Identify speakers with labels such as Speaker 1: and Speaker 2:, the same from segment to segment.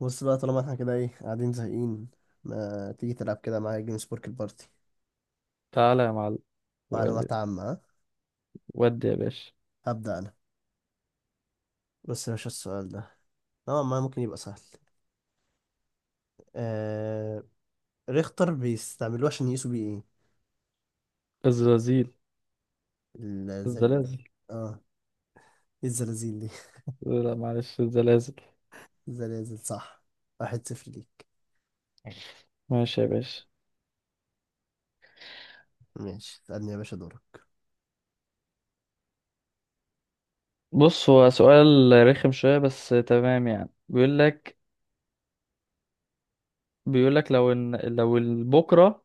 Speaker 1: بص بقى، طالما احنا كده قاعدين زهقين. ما تيجي تلعب كده معايا جيم سبورك البارتي؟
Speaker 2: تعالى يا معلم. ودي،
Speaker 1: معلومات عامة، ها؟
Speaker 2: ودي يا باشا.
Speaker 1: هبدأ أنا. بس يا باشا السؤال ده نوعا ما ممكن يبقى سهل. آه... ريختر بيستعملوه عشان يقيسوا بيه ايه؟
Speaker 2: الزلازل.
Speaker 1: الزل...
Speaker 2: الزلازل.
Speaker 1: اه، إيه الزلازل دي؟
Speaker 2: لا، معلش، الزلازل.
Speaker 1: الزلازل، صح. واحد صفر ليك.
Speaker 2: ماشي يا باشا.
Speaker 1: ماشي، اسألني يا باشا دورك.
Speaker 2: بص، هو سؤال رخم شوية بس تمام. يعني بيقول لك، لو ان بكرة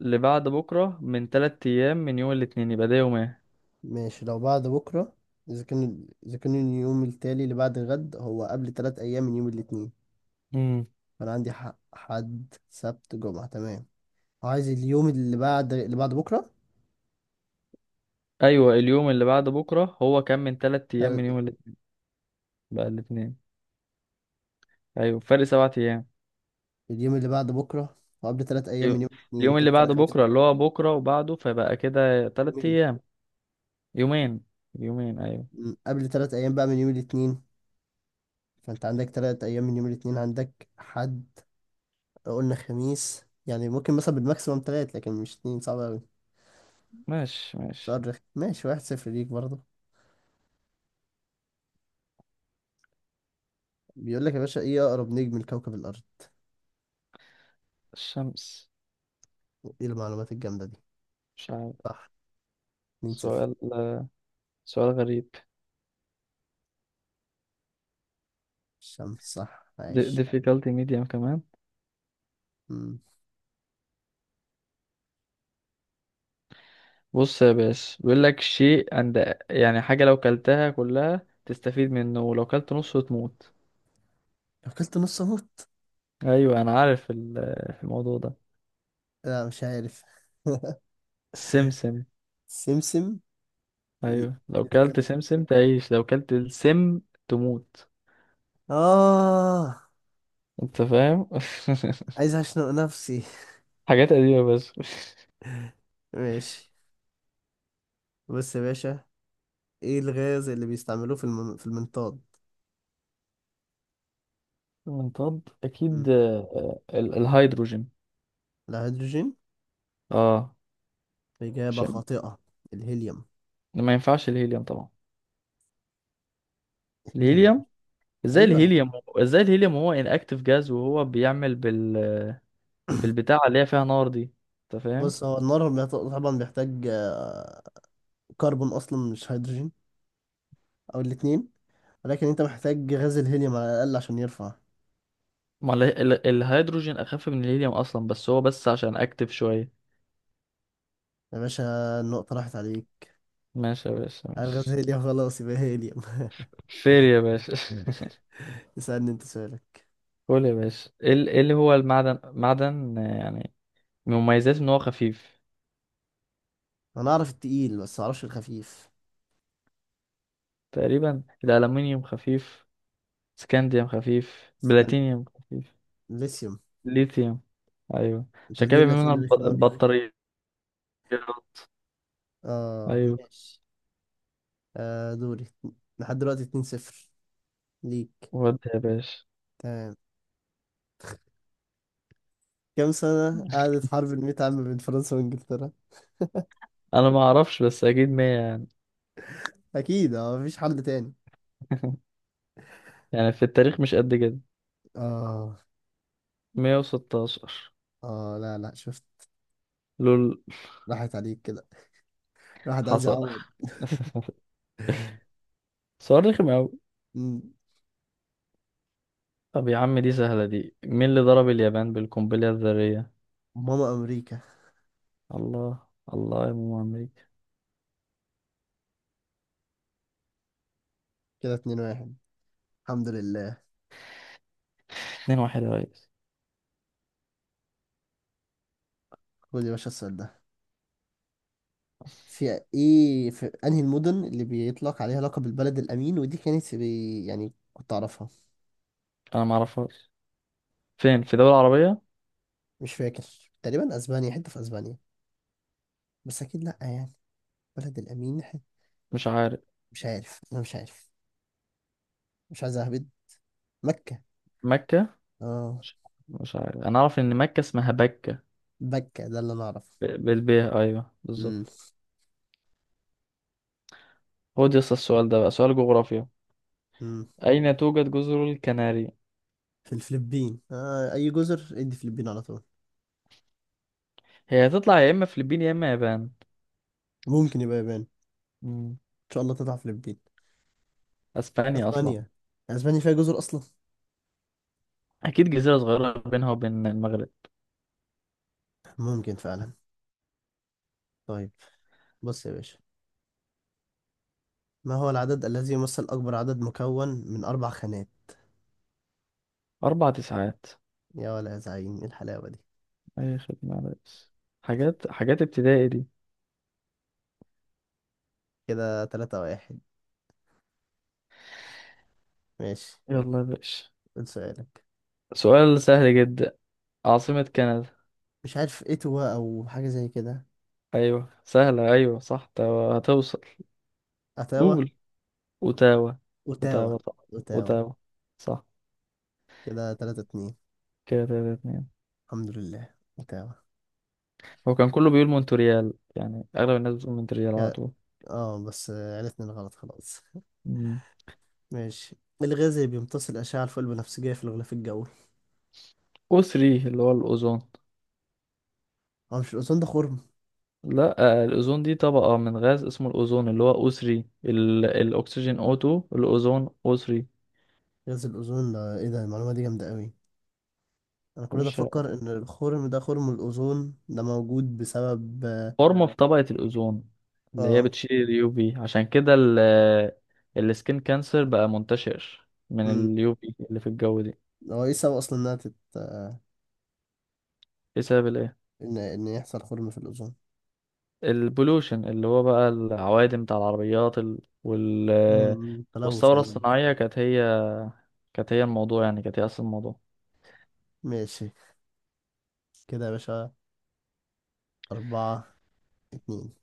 Speaker 2: اللي بعد بكرة من تلات أيام من يوم الاثنين، يبقى ده يوم ايه؟
Speaker 1: ماشي، لو بعد بكرة، إذا كان اليوم التالي اللي بعد غد هو قبل تلات أيام من يوم الاتنين،
Speaker 2: امم
Speaker 1: فأنا عندي حق. حد، سبت، جمعة، تمام. عايز اليوم اللي بعد بكرة.
Speaker 2: أيوة اليوم اللي بعد بكرة هو كان من تلات أيام من
Speaker 1: تل-
Speaker 2: يوم الاثنين. بقى الاثنين. أيوة، فرق سبعة أيام.
Speaker 1: اليوم اللي بعد بكرة وقبل ثلاث أيام من
Speaker 2: يو-
Speaker 1: يوم الاثنين،
Speaker 2: اليوم اللي
Speaker 1: كده فرق
Speaker 2: بعد
Speaker 1: خمسة.
Speaker 2: بكرة اللي هو بكرة وبعده، فبقى كده تلات
Speaker 1: يومين.
Speaker 2: أيام. يومين. يومين أيوة.
Speaker 1: قبل ثلاث أيام بقى من يوم الاثنين، فأنت عندك ثلاث أيام من يوم الاثنين. عندك حد، قلنا خميس، يعني ممكن مثلا بالماكسيموم ثلاث، لكن مش اثنين، صعب أوي.
Speaker 2: ماشي ماشي.
Speaker 1: سؤال رخم، ماشي، واحد صفر ليك برضه. بيقول لك يا باشا، إيه أقرب نجم لكوكب الأرض؟
Speaker 2: الشمس.
Speaker 1: إيه المعلومات الجامدة دي؟
Speaker 2: مش عارف.
Speaker 1: صح، اتنين صفر.
Speaker 2: سؤال، سؤال غريب.
Speaker 1: الشمس، صح، عايش.
Speaker 2: Difficulty medium كمان.
Speaker 1: م،
Speaker 2: بص يا باشا، بيقول لك شيء عند، يعني حاجة، لو كلتها كلها تستفيد منه ولو كلت نصه تموت.
Speaker 1: لو كلت نص أموت؟
Speaker 2: ايوه انا عارف الموضوع ده.
Speaker 1: لا مش عارف.
Speaker 2: السمسم.
Speaker 1: سمسم؟
Speaker 2: ايوه، لو كلت
Speaker 1: ازاي؟
Speaker 2: سمسم تعيش، لو كلت السم تموت.
Speaker 1: اه،
Speaker 2: انت فاهم؟
Speaker 1: عايز اشنق نفسي.
Speaker 2: حاجات قديمة بس.
Speaker 1: ماشي. بص يا باشا، ايه الغاز اللي بيستعملوه في المنطاد؟
Speaker 2: منطاد
Speaker 1: مم.
Speaker 2: اكيد، الهيدروجين.
Speaker 1: الهيدروجين؟
Speaker 2: اه.
Speaker 1: اجابة
Speaker 2: مش،
Speaker 1: خاطئة. الهيليوم.
Speaker 2: ما ينفعش الهيليوم طبعا.
Speaker 1: الهيليوم أنا-
Speaker 2: الهيليوم. ازاي
Speaker 1: ايوه.
Speaker 2: الهيليوم؟ ازاي الهيليوم؟ هو انأكتيف جاز، وهو بيعمل بالبتاع اللي هي فيها نار دي. انت فاهم؟
Speaker 1: بص هو النار طبعا بيحتاج كربون اصلا، مش هيدروجين. او الاتنين. ولكن انت محتاج غاز الهيليوم على الاقل عشان يرفع.
Speaker 2: ما الهيدروجين اخف من الهيليوم اصلا، بس هو بس عشان اكتف شويه.
Speaker 1: يا باشا، النقطة راحت عليك.
Speaker 2: ماشي يا باشا،
Speaker 1: الغاز
Speaker 2: ماشي.
Speaker 1: هيليوم، خلاص يبقى هيليوم.
Speaker 2: فير يا باشا.
Speaker 1: اسألني، انت سؤالك.
Speaker 2: قول يا باشا. ايه إيه اللي هو المعدن، معدن، يعني من مميزاته ان هو خفيف.
Speaker 1: انا اعرف التقيل بس ما اعرفش الخفيف.
Speaker 2: تقريبا الالومنيوم خفيف، سكانديوم خفيف، بلاتينيوم خفيف.
Speaker 1: ليثيوم.
Speaker 2: ليثيوم. ايوه.
Speaker 1: انت
Speaker 2: عشان كده
Speaker 1: بتجيب لي
Speaker 2: بيعملوا منها
Speaker 1: اسئله رخمه قوي.
Speaker 2: البطاريات.
Speaker 1: اه
Speaker 2: ايوه.
Speaker 1: ماشي. آه دوري. لحد دلوقتي 2-0 ليك.
Speaker 2: ودي يا باشا.
Speaker 1: تمام. كم سنه قعدت حرب المئة عام بين فرنسا وانجلترا؟
Speaker 2: انا ما اعرفش، بس اكيد 100 يعني.
Speaker 1: اكيد، اه، مفيش حل تاني.
Speaker 2: يعني في التاريخ مش قد كده.
Speaker 1: اه.
Speaker 2: 116.
Speaker 1: اه لا لا، شفت.
Speaker 2: لول.
Speaker 1: راحت عليك كده. الواحد عايز
Speaker 2: حصل.
Speaker 1: يعوض.
Speaker 2: سؤال رخم أوي.
Speaker 1: مم.
Speaker 2: طب يا عم، دي سهلة دي. مين اللي ضرب اليابان بالقنبلة الذرية؟
Speaker 1: ماما امريكا.
Speaker 2: الله. الله يا ماما أمريكا.
Speaker 1: كده 2-1، الحمد لله.
Speaker 2: اتنين واحد يا ريس.
Speaker 1: خد يا باشا السؤال ده، في انهي المدن اللي بيطلق عليها لقب البلد الامين؟ ودي كانت في، يعني كنت اعرفها.
Speaker 2: أنا معرفهاش. فين؟ في دولة عربية؟
Speaker 1: مش فاكر، تقريبا اسبانيا، حته في اسبانيا، بس اكيد لا يعني. بلد الامين.
Speaker 2: مش عارف.
Speaker 1: مش عارف. مش عايز اهبد. مكة.
Speaker 2: مكة.
Speaker 1: اه،
Speaker 2: مش، مش عارف. أنا أعرف إن مكة اسمها بكة.
Speaker 1: مكة ده اللي انا اعرفه.
Speaker 2: بالبيه أيوه،
Speaker 1: امم.
Speaker 2: بالظبط. خد يا اسطى السؤال ده بقى، سؤال جغرافيا.
Speaker 1: امم.
Speaker 2: أين توجد جزر الكناري؟
Speaker 1: في الفلبين، اي جزر ادي فلبين على طول.
Speaker 2: هي هتطلع يا اما فلبين يا اما يابان.
Speaker 1: ممكن يبقى يابان، ان
Speaker 2: مم.
Speaker 1: شاء الله تطلع فلبين.
Speaker 2: اسبانيا اصلا.
Speaker 1: اسبانيا؟ اسبانيا فيها جزر اصلا؟
Speaker 2: اكيد جزيره صغيره بينها وبين المغرب.
Speaker 1: ممكن فعلا. طيب. بص يا باشا، ما هو العدد الذي يمثل اكبر عدد مكون من اربع خانات؟
Speaker 2: اربع تسعات.
Speaker 1: يا ولا يا زعيم، ايه الحلاوة دي؟
Speaker 2: اي خدمه يا ريس. حاجات حاجات ابتدائي دي.
Speaker 1: كده تلاتة واحد. ماشي،
Speaker 2: يلا يا باشا.
Speaker 1: قول سؤالك.
Speaker 2: سؤال سهل جدا. عاصمه كندا.
Speaker 1: مش عارف، اتوا او حاجة زي كده.
Speaker 2: ايوه سهله، ايوه صح، هتوصل.
Speaker 1: اتاوا.
Speaker 2: قول. اوتاوا.
Speaker 1: اوتاوا.
Speaker 2: اوتاوا صح.
Speaker 1: اوتاوا.
Speaker 2: اوتاوا. صح.
Speaker 1: كده تلاتة اتنين،
Speaker 2: كده تلاتة اتنين.
Speaker 1: الحمد لله، اوتاوا.
Speaker 2: هو كان كله بيقول مونتريال، يعني اغلب الناس بتقول مونتريال على
Speaker 1: يا-
Speaker 2: طول.
Speaker 1: اه بس عرفنا الغلط خلاص.
Speaker 2: مم.
Speaker 1: ماشي. الغاز اللي بيمتص الأشعة الفوق البنفسجية في الغلاف الجوي؟
Speaker 2: او 3 اللي هو الاوزون.
Speaker 1: هو مش الأوزون ده خرم؟
Speaker 2: لا، الأوزون دي طبقة من غاز اسمه الأوزون، اللي هو أو3. الأكسجين O2، الأوزون O3.
Speaker 1: غاز الأوزون ده ايه ده؟ المعلومة دي جامدة قوي. أنا كل ده
Speaker 2: مش،
Speaker 1: أفكر إن الخرم ده خرم الأوزون ده موجود بسبب
Speaker 2: فورمة في طبقة الأوزون اللي هي
Speaker 1: آه،
Speaker 2: بتشيل اليو في. عشان كده السكين كانسر بقى منتشر من
Speaker 1: مم.
Speaker 2: اليو في اللي في الجو دي.
Speaker 1: هو ايه السبب أصلا إنها تت آه،
Speaker 2: ايه سبب الايه؟
Speaker 1: إن يحصل خرم في الأوزون؟
Speaker 2: البولوشن، اللي هو بقى العوادم بتاع العربيات،
Speaker 1: تلوث
Speaker 2: والثورة
Speaker 1: عموما.
Speaker 2: الصناعية كانت هي، الموضوع يعني كانت هي أصل الموضوع.
Speaker 1: ماشي. كده يا باشا أربعة اتنين.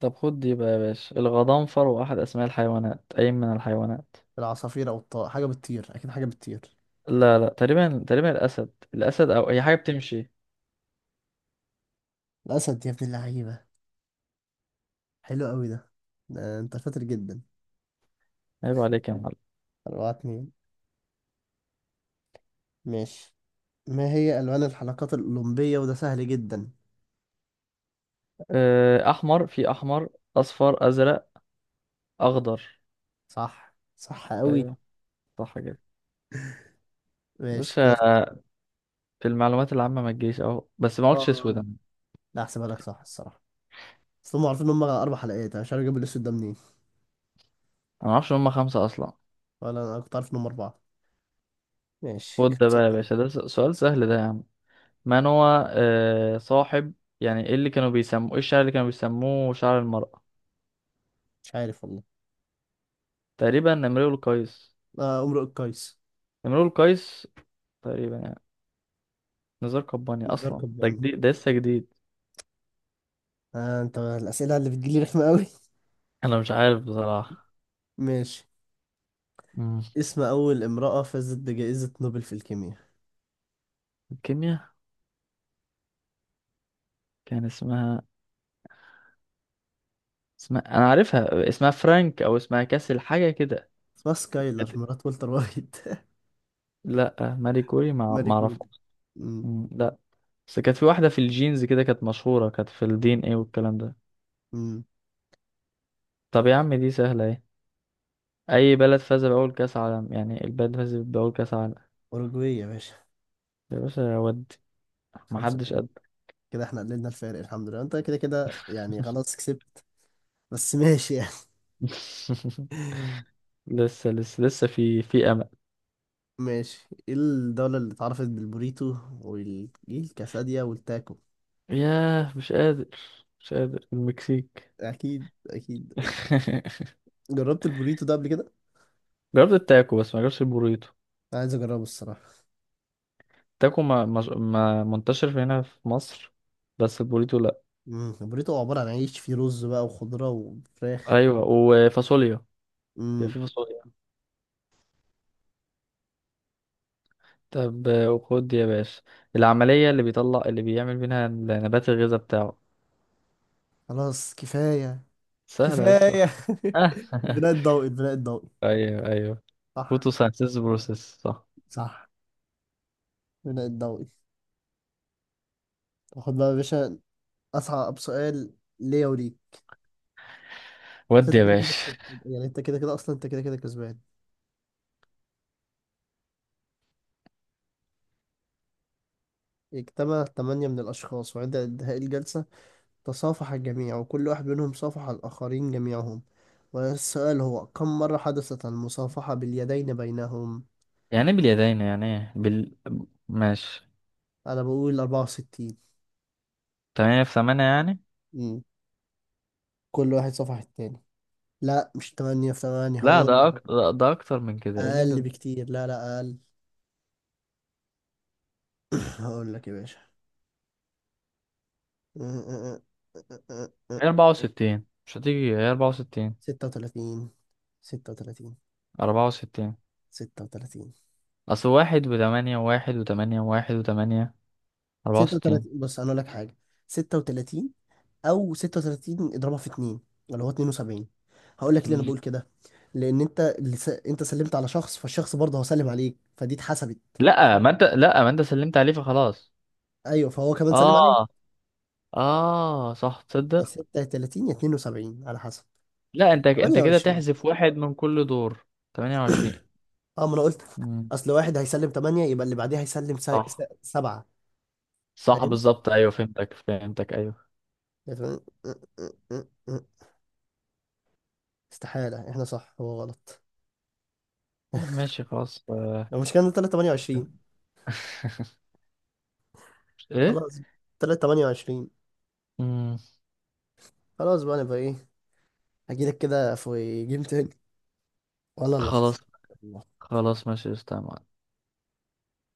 Speaker 2: طب خد دي بقى يا باشا، الغضنفر واحد أسماء الحيوانات. أي من الحيوانات؟
Speaker 1: العصافير او الطائر، حاجه بتطير اكيد، حاجه بتطير.
Speaker 2: لا لا، تقريبا تقريبا، الأسد، الأسد. أو هي حاجة بتمشي.
Speaker 1: الاسد يا ابن اللعيبه، حلو قوي ده. ده انت شاطر جدا.
Speaker 2: عيب عليك يا معلم.
Speaker 1: أربعة اتنين. ماشي، ما هي الوان الحلقات الاولمبيه؟ وده سهل جدا.
Speaker 2: أحمر، في أحمر، أصفر، أزرق، أخضر.
Speaker 1: صح، صح قوي.
Speaker 2: أيوه، صح كده.
Speaker 1: ماشي
Speaker 2: بص،
Speaker 1: كده، خلص.
Speaker 2: في المعلومات العامة ما تجيش أهو، بس ما قلتش أسود
Speaker 1: اه،
Speaker 2: أنا.
Speaker 1: لا احسبها لك، صح الصراحه. بس هم عارفين ان هم اربع حلقات، انا مش عارف اجيب الاسود ده منين.
Speaker 2: أنا ما أعرفش إن هما خمسة أصلا.
Speaker 1: ولا انا كنت عارف ان هم اربعه. ماشي،
Speaker 2: خد ده
Speaker 1: خمسة
Speaker 2: بقى يا
Speaker 1: اتنين.
Speaker 2: باشا، ده سؤال سهل ده يا عم. من هو صاحب، يعني إيه اللي كانوا بيسموه، إيه الشعر اللي كانوا بيسموه شعر المرأة؟
Speaker 1: مش عارف والله.
Speaker 2: تقريبا نمرود القيس.
Speaker 1: آه، امرؤ القيس.
Speaker 2: نمرود القيس تقريبا يعني. نزار قباني
Speaker 1: نزار
Speaker 2: أصلا ده
Speaker 1: قباني؟
Speaker 2: جديد، ده لسه جديد.
Speaker 1: آه، انت الاسئله اللي بتجيلي رخمه قوي.
Speaker 2: أنا مش عارف بصراحة.
Speaker 1: ماشي.
Speaker 2: مم.
Speaker 1: اسم أول امرأة فازت بجائزة نوبل في الكيمياء؟
Speaker 2: كيمياء. كان اسمها، اسمها انا عارفها، اسمها فرانك او اسمها كاسل، حاجه كده.
Speaker 1: اسمها سكايلر
Speaker 2: كانت-
Speaker 1: مرات والتر وايت.
Speaker 2: لا ماري كوري،
Speaker 1: ماري
Speaker 2: ما
Speaker 1: كوري.
Speaker 2: اعرفهاش.
Speaker 1: أمم،
Speaker 2: مم، لا. بس كانت في واحده في الجينز كده، كانت مشهوره، كانت في الدي ان ايه والكلام ده.
Speaker 1: أمم.
Speaker 2: طب يا عم دي سهله ايه. اي بلد فاز باول كاس عالم، يعني البلد فاز باول كاس عالم؟
Speaker 1: أوروجواي يا باشا.
Speaker 2: يا باشا، يا ودي. ما
Speaker 1: خمسة
Speaker 2: حدش
Speaker 1: ثلاثة.
Speaker 2: قد.
Speaker 1: كده احنا قللنا الفارق، الحمد لله. انت كده كده يعني خلاص كسبت، بس ماشي يعني.
Speaker 2: لسه لسه لسه، في في امل.
Speaker 1: ماشي، ايه الدولة اللي اتعرفت بالبوريتو والكاساديا والتاكو؟
Speaker 2: ياه، مش قادر، مش قادر. المكسيك.
Speaker 1: اكيد، اكيد. جربت البوريتو ده قبل كده؟
Speaker 2: جربت التاكو بس ما جربتش البوريتو.
Speaker 1: عايز اجربه الصراحة.
Speaker 2: تاكو ما منتشر في هنا في مصر، بس البوريتو لا.
Speaker 1: امم، البوريتو عبارة عن عيش فيه رز بقى وخضرة وفراخ.
Speaker 2: ايوه، وفاصوليا. بيبقى
Speaker 1: امم.
Speaker 2: في فاصوليا. طب، خد يا باشا، العملية اللي بيطلع، اللي بيعمل منها نبات الغذاء بتاعه.
Speaker 1: خلاص، كفاية.
Speaker 2: سهلة يا اسطى.
Speaker 1: كفاية.
Speaker 2: آه.
Speaker 1: البناء الضوئي، البناء الضوئي.
Speaker 2: ايوه ايوه.
Speaker 1: صح.
Speaker 2: فوتوسينثيسيس بروسيس صح.
Speaker 1: صح البناء الضوئي. خد بقى يا باشا أصعب سؤال ليا وليك. بس
Speaker 2: ودي
Speaker 1: انت
Speaker 2: يا
Speaker 1: كده كده
Speaker 2: باشا.
Speaker 1: كسبان. يعني انت كده كده اصلا، انت كده كده كسبان. اجتمع ثمانية من الأشخاص، وعند انتهاء الجلسة تصافح الجميع، وكل واحد منهم صافح الآخرين جميعهم. والسؤال هو، كم مرة حدثت المصافحة باليدين بينهم؟
Speaker 2: يعني ايه باليدين، يعني ايه بال؟ ماشي.
Speaker 1: أنا بقول 64.
Speaker 2: تمانية في تمانية يعني.
Speaker 1: مم. كل واحد صافح التاني. لا، مش 8 في 8،
Speaker 2: لا
Speaker 1: هقول
Speaker 2: ده أكتر، ده أكتر من كده. إيه اللي أنت؟
Speaker 1: أقل بكتير. لا لا، أقل. هقول لك يا باشا.
Speaker 2: هي أربعة وستين، مش هتيجي، هي أربعة وستين.
Speaker 1: 36. 36.
Speaker 2: أربعة وستين.
Speaker 1: 36.
Speaker 2: اصل واحد وتمانية، وواحد وتمانية، وواحد وتمانية. أربعة وستين.
Speaker 1: 36، بص انا اقول لك حاجه. 36، او 36 اضربها في 2، اللي هو 72. هقول لك ليه انا بقول كده. لان انت اللي انت سلمت على شخص، فالشخص برضه هو سلم عليك، فدي اتحسبت.
Speaker 2: لأ ما انت سلمت عليه فخلاص.
Speaker 1: ايوه، فهو كمان سلم عليك.
Speaker 2: اه. اه صح، تصدق.
Speaker 1: 36 يا 72 على حسب.
Speaker 2: لأ، انت كده
Speaker 1: 28.
Speaker 2: تحذف واحد من كل دور. تمانية وعشرين.
Speaker 1: اه، ما انا قلت،
Speaker 2: مم،
Speaker 1: اصل واحد هيسلم 8، يبقى اللي بعديه هيسلم
Speaker 2: صح.
Speaker 1: 7.
Speaker 2: صح
Speaker 1: فاهم.
Speaker 2: بالظبط، ايوه فهمتك، ايوه
Speaker 1: استحالة احنا صح هو غلط.
Speaker 2: ماشي خلاص.
Speaker 1: لو مش كان 328.
Speaker 2: ايه؟
Speaker 1: خلاص، 328.
Speaker 2: مم،
Speaker 1: خلاص بقى، نبقى ايه، هجيلك كده في جيم تاني، ولا اللي
Speaker 2: خلاص.
Speaker 1: خسر.
Speaker 2: خلاص ماشي. استنى.